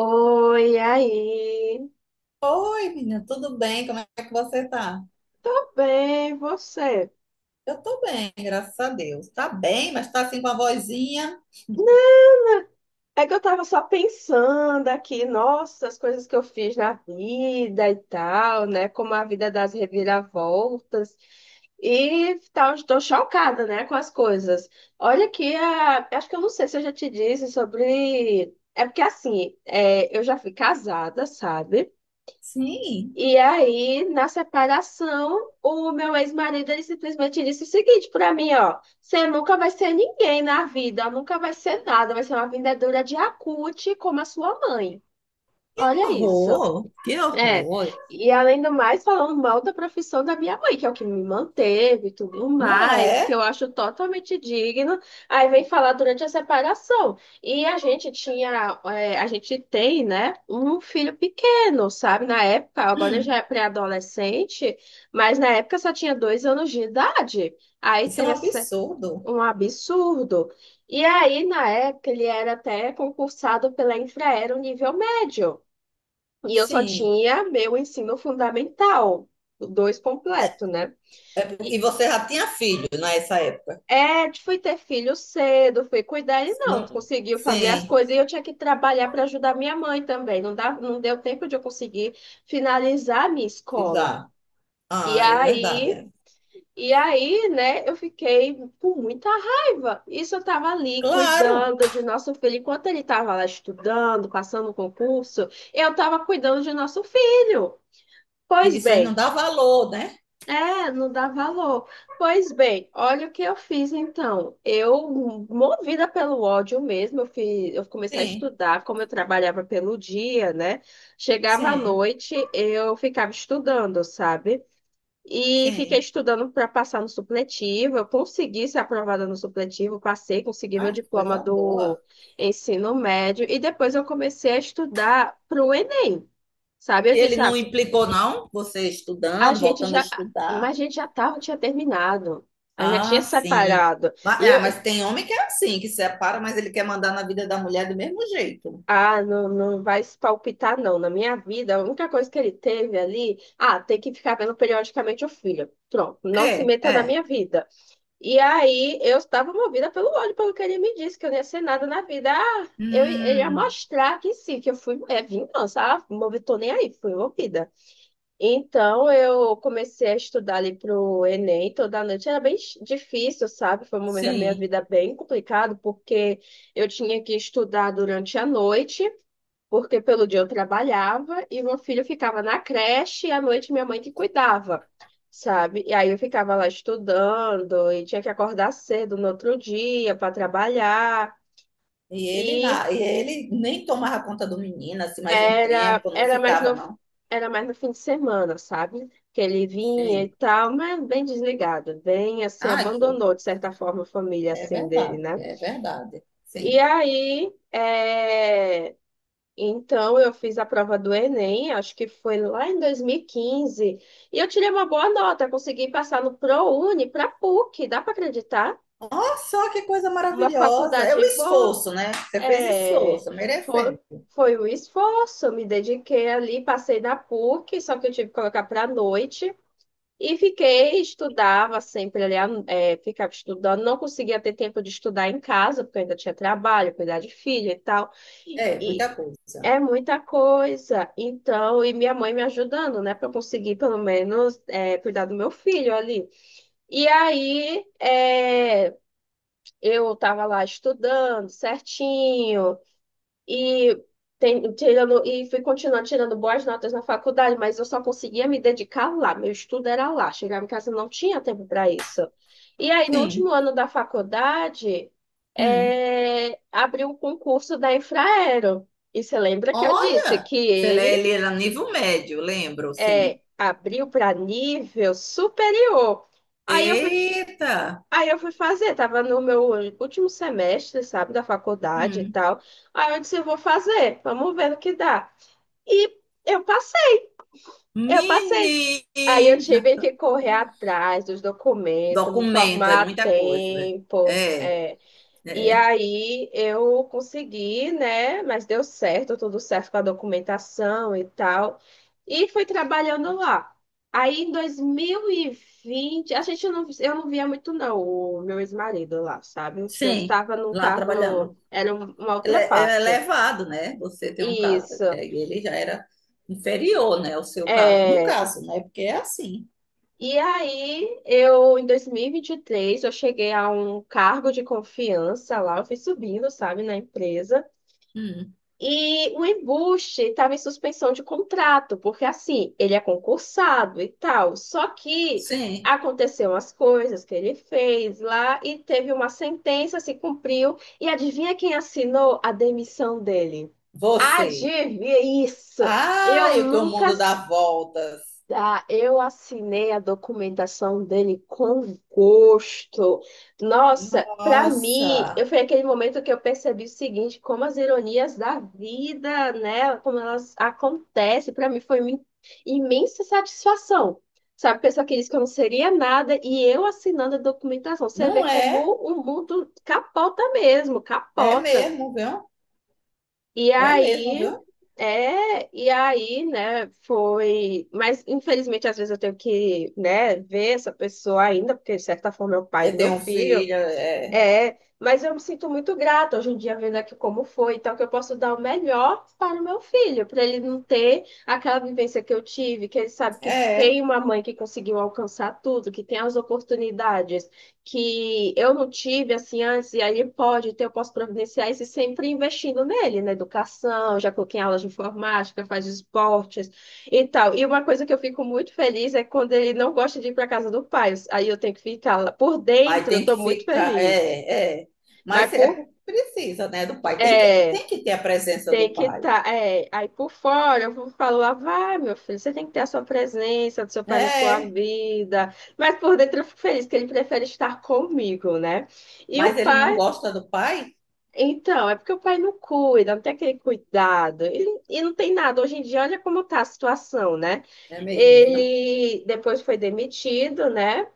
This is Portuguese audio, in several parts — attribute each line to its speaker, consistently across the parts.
Speaker 1: Oi, aí.
Speaker 2: Oi, menina, tudo bem? Como é que você tá?
Speaker 1: Tô bem, e você?
Speaker 2: Eu tô bem, graças a Deus. Tá bem, mas tá assim com a vozinha.
Speaker 1: É que eu tava só pensando aqui, nossa, as coisas que eu fiz na vida e tal, né? Como a vida das reviravoltas. E tal, estou chocada, né, com as coisas. Olha acho que eu não sei se eu já te disse sobre. É porque assim, eu já fui casada, sabe?
Speaker 2: Sim,
Speaker 1: E aí, na separação, o meu ex-marido ele simplesmente disse o seguinte para mim, ó, você nunca vai ser ninguém na vida, nunca vai ser nada, vai ser uma vendedora de acute como a sua mãe.
Speaker 2: que
Speaker 1: Olha isso.
Speaker 2: horror, que
Speaker 1: É,
Speaker 2: horror.
Speaker 1: e além do mais, falando mal da profissão da minha mãe, que é o que me manteve e tudo
Speaker 2: Não
Speaker 1: mais, que
Speaker 2: é?
Speaker 1: eu acho totalmente digno. Aí vem falar durante a separação. E a gente tem, né, um filho pequeno, sabe? Na época, agora já
Speaker 2: Hum,
Speaker 1: é pré-adolescente, mas na época só tinha 2 anos de idade. Aí
Speaker 2: isso é um
Speaker 1: teve essa-
Speaker 2: absurdo.
Speaker 1: Um absurdo. E aí, na época, ele era até concursado pela Infraero nível médio. E eu só
Speaker 2: Sim.
Speaker 1: tinha meu ensino fundamental, o dois completo, né?
Speaker 2: E
Speaker 1: E
Speaker 2: você já tinha filho nessa época?
Speaker 1: é, fui ter filho cedo, fui cuidar, ele não
Speaker 2: Não,
Speaker 1: conseguiu fazer as
Speaker 2: sim,
Speaker 1: coisas e eu tinha que trabalhar para ajudar minha mãe também. Não dá, não deu tempo de eu conseguir finalizar a minha escola.
Speaker 2: exato.
Speaker 1: E
Speaker 2: Ah, é verdade.
Speaker 1: aí,
Speaker 2: É.
Speaker 1: e aí, né, eu fiquei com muita raiva. Isso eu tava ali
Speaker 2: Claro,
Speaker 1: cuidando de nosso filho, enquanto ele tava lá estudando, passando o concurso, eu tava cuidando de nosso filho. Pois
Speaker 2: isso aí não
Speaker 1: bem.
Speaker 2: dá valor, né?
Speaker 1: É, não dá valor. Pois bem, olha o que eu fiz então. Eu, movida pelo ódio mesmo, eu comecei a
Speaker 2: Sim,
Speaker 1: estudar, como eu trabalhava pelo dia, né? Chegava à
Speaker 2: sim,
Speaker 1: noite, eu ficava estudando, sabe? E fiquei
Speaker 2: sim.
Speaker 1: estudando para passar no supletivo. Eu consegui ser aprovada no supletivo, passei, consegui meu
Speaker 2: Ai, que
Speaker 1: diploma
Speaker 2: coisa boa.
Speaker 1: do ensino médio. E depois eu comecei a estudar para o Enem. Sabe,
Speaker 2: E
Speaker 1: eu
Speaker 2: ele
Speaker 1: disse, ah,
Speaker 2: não implicou, não? Você
Speaker 1: a
Speaker 2: estudando,
Speaker 1: gente
Speaker 2: voltando a
Speaker 1: já, mas
Speaker 2: estudar.
Speaker 1: a gente já tinha terminado. A gente já tinha
Speaker 2: Ah, sim.
Speaker 1: separado.
Speaker 2: Mas,
Speaker 1: E
Speaker 2: ah,
Speaker 1: eu,
Speaker 2: mas tem homem que é assim, que separa, mas ele quer mandar na vida da mulher do mesmo jeito.
Speaker 1: não, não vai se palpitar, não. Na minha vida, a única coisa que ele teve ali, tem que ficar vendo periodicamente o filho. Pronto, não se
Speaker 2: É,
Speaker 1: meta na
Speaker 2: é.
Speaker 1: minha vida. E aí eu estava movida pelo ódio, pelo que ele me disse, que eu não ia ser nada na vida. Ah, ele ia
Speaker 2: Hum,
Speaker 1: mostrar que sim, que eu fui, é vingança. Ah, movi, tô nem aí, fui envolvida. Então, eu comecei a estudar ali pro Enem toda noite. Era bem difícil, sabe? Foi um momento da minha
Speaker 2: sim.
Speaker 1: vida bem complicado, porque eu tinha que estudar durante a noite, porque pelo dia eu trabalhava e meu filho ficava na creche e à noite minha mãe que cuidava, sabe? E aí eu ficava lá estudando e tinha que acordar cedo no outro dia para trabalhar.
Speaker 2: E ele nem tomava conta do menino, assim, mais um
Speaker 1: Era,
Speaker 2: tempo, não
Speaker 1: era mais
Speaker 2: ficava,
Speaker 1: no,
Speaker 2: não.
Speaker 1: era mais no fim de semana, sabe? Que ele vinha e
Speaker 2: Sim.
Speaker 1: tal, mas bem desligado, bem assim,
Speaker 2: Ah, que eu-
Speaker 1: abandonou de certa forma a família
Speaker 2: é
Speaker 1: assim dele,
Speaker 2: verdade,
Speaker 1: né?
Speaker 2: é verdade.
Speaker 1: E
Speaker 2: Sim.
Speaker 1: aí, então eu fiz a prova do Enem, acho que foi lá em 2015 e eu tirei uma boa nota, consegui passar no ProUni, para PUC, dá para acreditar?
Speaker 2: Olha só que coisa
Speaker 1: Uma
Speaker 2: maravilhosa. É o
Speaker 1: faculdade boa.
Speaker 2: esforço, né? Você fez
Speaker 1: É,
Speaker 2: esforço,
Speaker 1: foi,
Speaker 2: merecendo.
Speaker 1: foi o esforço, me dediquei ali, passei na PUC, só que eu tive que colocar para a noite e estudava sempre ali, ficava estudando, não conseguia ter tempo de estudar em casa, porque eu ainda tinha trabalho, cuidar de filho e tal.
Speaker 2: É, muita
Speaker 1: E
Speaker 2: coisa.
Speaker 1: é muita coisa. Então, e minha mãe me ajudando, né, para eu conseguir pelo menos cuidar do meu filho ali. E aí, eu estava lá estudando certinho. E, e fui continuar tirando boas notas na faculdade, mas eu só conseguia me dedicar lá. Meu estudo era lá. Chegava em casa, não tinha tempo para isso. E aí, no último
Speaker 2: Sim.
Speaker 1: ano da faculdade,
Speaker 2: Hum.
Speaker 1: abriu o concurso da Infraero. E você lembra que eu disse
Speaker 2: Olha,
Speaker 1: que
Speaker 2: se ele
Speaker 1: ele
Speaker 2: ele era nível médio, lembro, sim.
Speaker 1: abriu para nível superior. Aí eu fui,
Speaker 2: Eita!
Speaker 1: aí eu fui fazer, tava no meu último semestre, sabe, da faculdade e
Speaker 2: Hum.
Speaker 1: tal. Aí eu disse, eu vou fazer, vamos ver no que dá. E eu passei, eu passei. Aí eu tive
Speaker 2: Menina!
Speaker 1: que correr atrás dos documentos, me
Speaker 2: Documento, é
Speaker 1: formar a
Speaker 2: muita coisa.
Speaker 1: tempo.
Speaker 2: É,
Speaker 1: É. E
Speaker 2: é.
Speaker 1: aí eu consegui, né? Mas deu certo, tudo certo com a documentação e tal. E fui trabalhando lá. Aí em 2020 a gente não, eu não via muito não o meu ex-marido lá, sabe? Porque eu
Speaker 2: Sim,
Speaker 1: estava num
Speaker 2: lá
Speaker 1: cargo,
Speaker 2: trabalhando.
Speaker 1: era uma
Speaker 2: Ele
Speaker 1: outra
Speaker 2: é
Speaker 1: parte.
Speaker 2: elevado, né? Você tem um caso,
Speaker 1: Isso.
Speaker 2: é, e ele já era inferior, né? O seu caso. No
Speaker 1: É.
Speaker 2: caso, né? Porque é assim.
Speaker 1: E aí, em dois mil e vinte e três eu cheguei a um cargo de confiança lá, eu fui subindo, sabe, na empresa.
Speaker 2: Hum,
Speaker 1: E o embuste estava em suspensão de contrato, porque assim, ele é concursado e tal. Só que
Speaker 2: sim,
Speaker 1: aconteceu umas coisas que ele fez lá e teve uma sentença, se cumpriu. E adivinha quem assinou a demissão dele?
Speaker 2: você.
Speaker 1: Adivinha isso?
Speaker 2: Ah,
Speaker 1: Eu
Speaker 2: eu que o
Speaker 1: nunca,
Speaker 2: mundo dá voltas.
Speaker 1: eu assinei a documentação dele com gosto. Nossa, para mim, eu
Speaker 2: Nossa,
Speaker 1: foi aquele momento que eu percebi o seguinte, como as ironias da vida, né, como elas acontecem, para mim foi uma imensa satisfação. Sabe, pessoa que disse que eu não seria nada e eu assinando a documentação. Você vê
Speaker 2: não
Speaker 1: como
Speaker 2: é?
Speaker 1: o mundo capota mesmo,
Speaker 2: É
Speaker 1: capota.
Speaker 2: mesmo, viu?
Speaker 1: E
Speaker 2: É mesmo,
Speaker 1: aí,
Speaker 2: viu?
Speaker 1: e aí, né, foi. Mas, infelizmente, às vezes eu tenho que, né, ver essa pessoa ainda, porque, de certa forma, é o pai do
Speaker 2: Eu
Speaker 1: meu
Speaker 2: tenho um
Speaker 1: filho.
Speaker 2: filho, é.
Speaker 1: É, mas eu me sinto muito grata hoje em dia vendo aqui como foi, então que eu posso dar o melhor para o meu filho, para ele não ter aquela vivência que eu tive, que ele sabe que
Speaker 2: É.
Speaker 1: tem uma mãe que conseguiu alcançar tudo, que tem as oportunidades que eu não tive assim antes, e aí ele pode ter, eu posso providenciar isso e sempre investindo nele, na educação, já coloquei em aulas de informática, faz esportes e tal. E uma coisa que eu fico muito feliz é quando ele não gosta de ir para casa do pai, aí eu tenho que ficar lá por
Speaker 2: Aí
Speaker 1: dentro, eu
Speaker 2: tem
Speaker 1: estou
Speaker 2: que
Speaker 1: muito
Speaker 2: ficar.
Speaker 1: feliz.
Speaker 2: É, é.
Speaker 1: Mas por,
Speaker 2: Precisa, né? Do pai. Tem que,
Speaker 1: é,
Speaker 2: tem que ter a presença do
Speaker 1: Tem que
Speaker 2: pai.
Speaker 1: estar. Aí por fora, eu vou falar, vai, meu filho, você tem que ter a sua presença do seu pai na sua
Speaker 2: É.
Speaker 1: vida. Mas por dentro eu fico feliz que ele prefere estar comigo, né? E o
Speaker 2: Mas ele não
Speaker 1: pai.
Speaker 2: gosta do pai?
Speaker 1: Então, é porque o pai não cuida, não tem aquele cuidado. E não tem nada. Hoje em dia, olha como está a situação, né?
Speaker 2: É mesmo, viu?
Speaker 1: Ele depois foi demitido, né?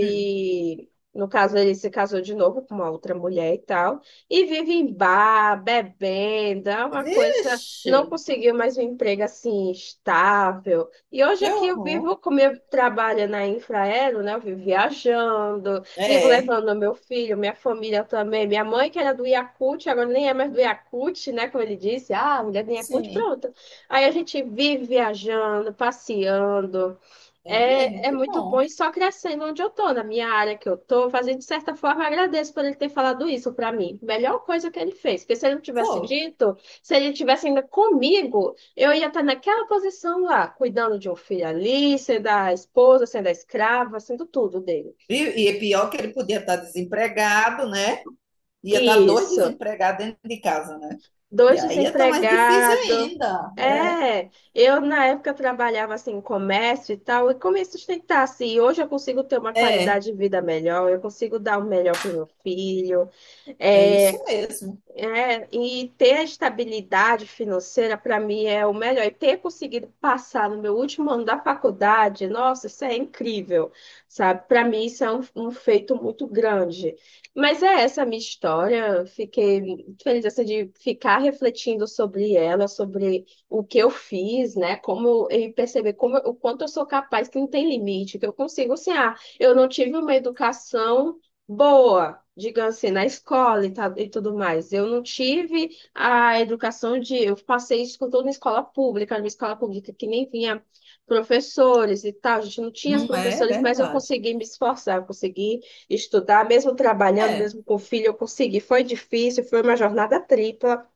Speaker 2: Hum.
Speaker 1: no caso, ele se casou de novo com uma outra mulher e tal. E vive em bar, bebendo, é uma coisa.
Speaker 2: Vixe,
Speaker 1: Não conseguiu mais um emprego assim estável. E hoje
Speaker 2: que
Speaker 1: aqui eu
Speaker 2: horror.
Speaker 1: vivo, como eu trabalho na Infraero, né? Eu vivo viajando, vivo
Speaker 2: É,
Speaker 1: levando meu filho, minha família também. Minha mãe, que era do Yakult, agora nem é mais do Yakult, né? Como ele disse, a mulher do Yakult,
Speaker 2: sim,
Speaker 1: pronto. Aí a gente vive viajando, passeando.
Speaker 2: é mesmo,
Speaker 1: É, é
Speaker 2: que
Speaker 1: muito bom e
Speaker 2: bom.
Speaker 1: só crescendo onde eu tô, na minha área que eu tô, fazendo de certa forma, agradeço por ele ter falado isso pra mim. Melhor coisa que ele fez, porque se ele não tivesse
Speaker 2: Foi.
Speaker 1: dito, se ele tivesse ainda comigo, eu ia estar naquela posição lá, cuidando de um filho ali, sendo a esposa, sendo a escrava, sendo tudo dele.
Speaker 2: E, e é pior que ele podia estar desempregado, né? Ia estar dois
Speaker 1: Isso.
Speaker 2: desempregados dentro de casa, né? E
Speaker 1: Dois
Speaker 2: aí ia estar mais difícil
Speaker 1: desempregados.
Speaker 2: ainda.
Speaker 1: É, eu na época trabalhava assim em comércio e tal, e como me sustentar assim. Hoje eu consigo ter uma
Speaker 2: É, é,
Speaker 1: qualidade de vida melhor, eu consigo dar o melhor para o meu filho.
Speaker 2: é
Speaker 1: é,
Speaker 2: isso mesmo.
Speaker 1: e ter a estabilidade financeira, para mim, é o melhor. E ter conseguido passar no meu último ano da faculdade, nossa, isso é incrível, sabe? Para mim, isso é um feito muito grande. Mas é essa a minha história. Fiquei muito feliz assim, de ficar refletindo sobre ela, sobre o que eu fiz, né? E perceber como, o quanto eu sou capaz, que não tem limite, que eu consigo, assim, eu não tive uma educação boa, digamos assim, na escola e, tal, e tudo mais. Eu não tive a educação de. Eu passei isso com tudo na escola pública que nem vinha professores e tal. A gente não tinha os
Speaker 2: Não é
Speaker 1: professores, mas eu
Speaker 2: verdade.
Speaker 1: consegui me esforçar, eu consegui estudar, mesmo trabalhando,
Speaker 2: É,
Speaker 1: mesmo com filho, eu consegui. Foi difícil, foi uma jornada tripla.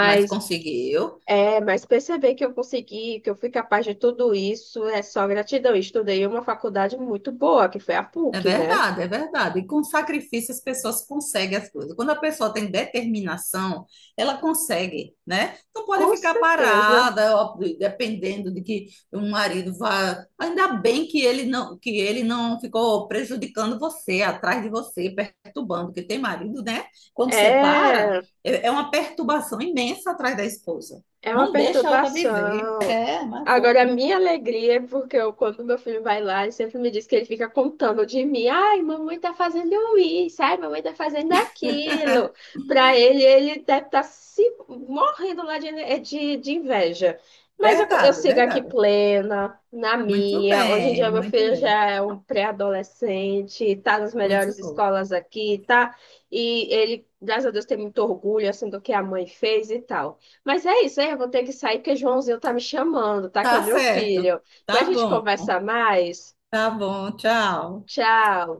Speaker 2: mas conseguiu.
Speaker 1: mas perceber que eu consegui, que eu fui capaz de tudo isso, é só gratidão. Eu estudei em uma faculdade muito boa, que foi a
Speaker 2: É
Speaker 1: PUC, né?
Speaker 2: verdade, é verdade. E com sacrifício as pessoas conseguem as coisas. Quando a pessoa tem determinação, ela consegue, né? Não pode
Speaker 1: Com
Speaker 2: ficar
Speaker 1: certeza.
Speaker 2: parada, ó, dependendo de que o marido vá. Ainda bem que ele não ficou prejudicando você, atrás de você, perturbando, porque tem marido, né? Quando separa,
Speaker 1: É,
Speaker 2: é uma perturbação imensa atrás da esposa.
Speaker 1: é uma
Speaker 2: Não deixa ela viver.
Speaker 1: perturbação.
Speaker 2: É, mas foi
Speaker 1: Agora, a minha alegria é porque eu, quando meu filho vai lá, ele sempre me diz que ele fica contando de mim. Ai, mamãe tá fazendo isso, ai, mamãe tá fazendo aquilo. Pra ele, ele deve estar se morrendo lá de inveja. Mas eu
Speaker 2: verdade, é
Speaker 1: sigo aqui
Speaker 2: verdade.
Speaker 1: plena, na
Speaker 2: Muito
Speaker 1: minha. Hoje em dia,
Speaker 2: bem,
Speaker 1: meu
Speaker 2: muito
Speaker 1: filho
Speaker 2: bem.
Speaker 1: já é um pré-adolescente, tá nas
Speaker 2: Coisa
Speaker 1: melhores
Speaker 2: boa.
Speaker 1: escolas aqui, tá? E ele, graças a Deus, tem muito orgulho, assim, do que a mãe fez e tal. Mas é isso, aí eu vou ter que sair porque Joãozinho tá me chamando, tá? Que é o
Speaker 2: Tá
Speaker 1: meu
Speaker 2: certo.
Speaker 1: filho.
Speaker 2: Tá
Speaker 1: Depois a gente
Speaker 2: bom.
Speaker 1: conversa mais.
Speaker 2: Tá bom. Tchau.
Speaker 1: Tchau.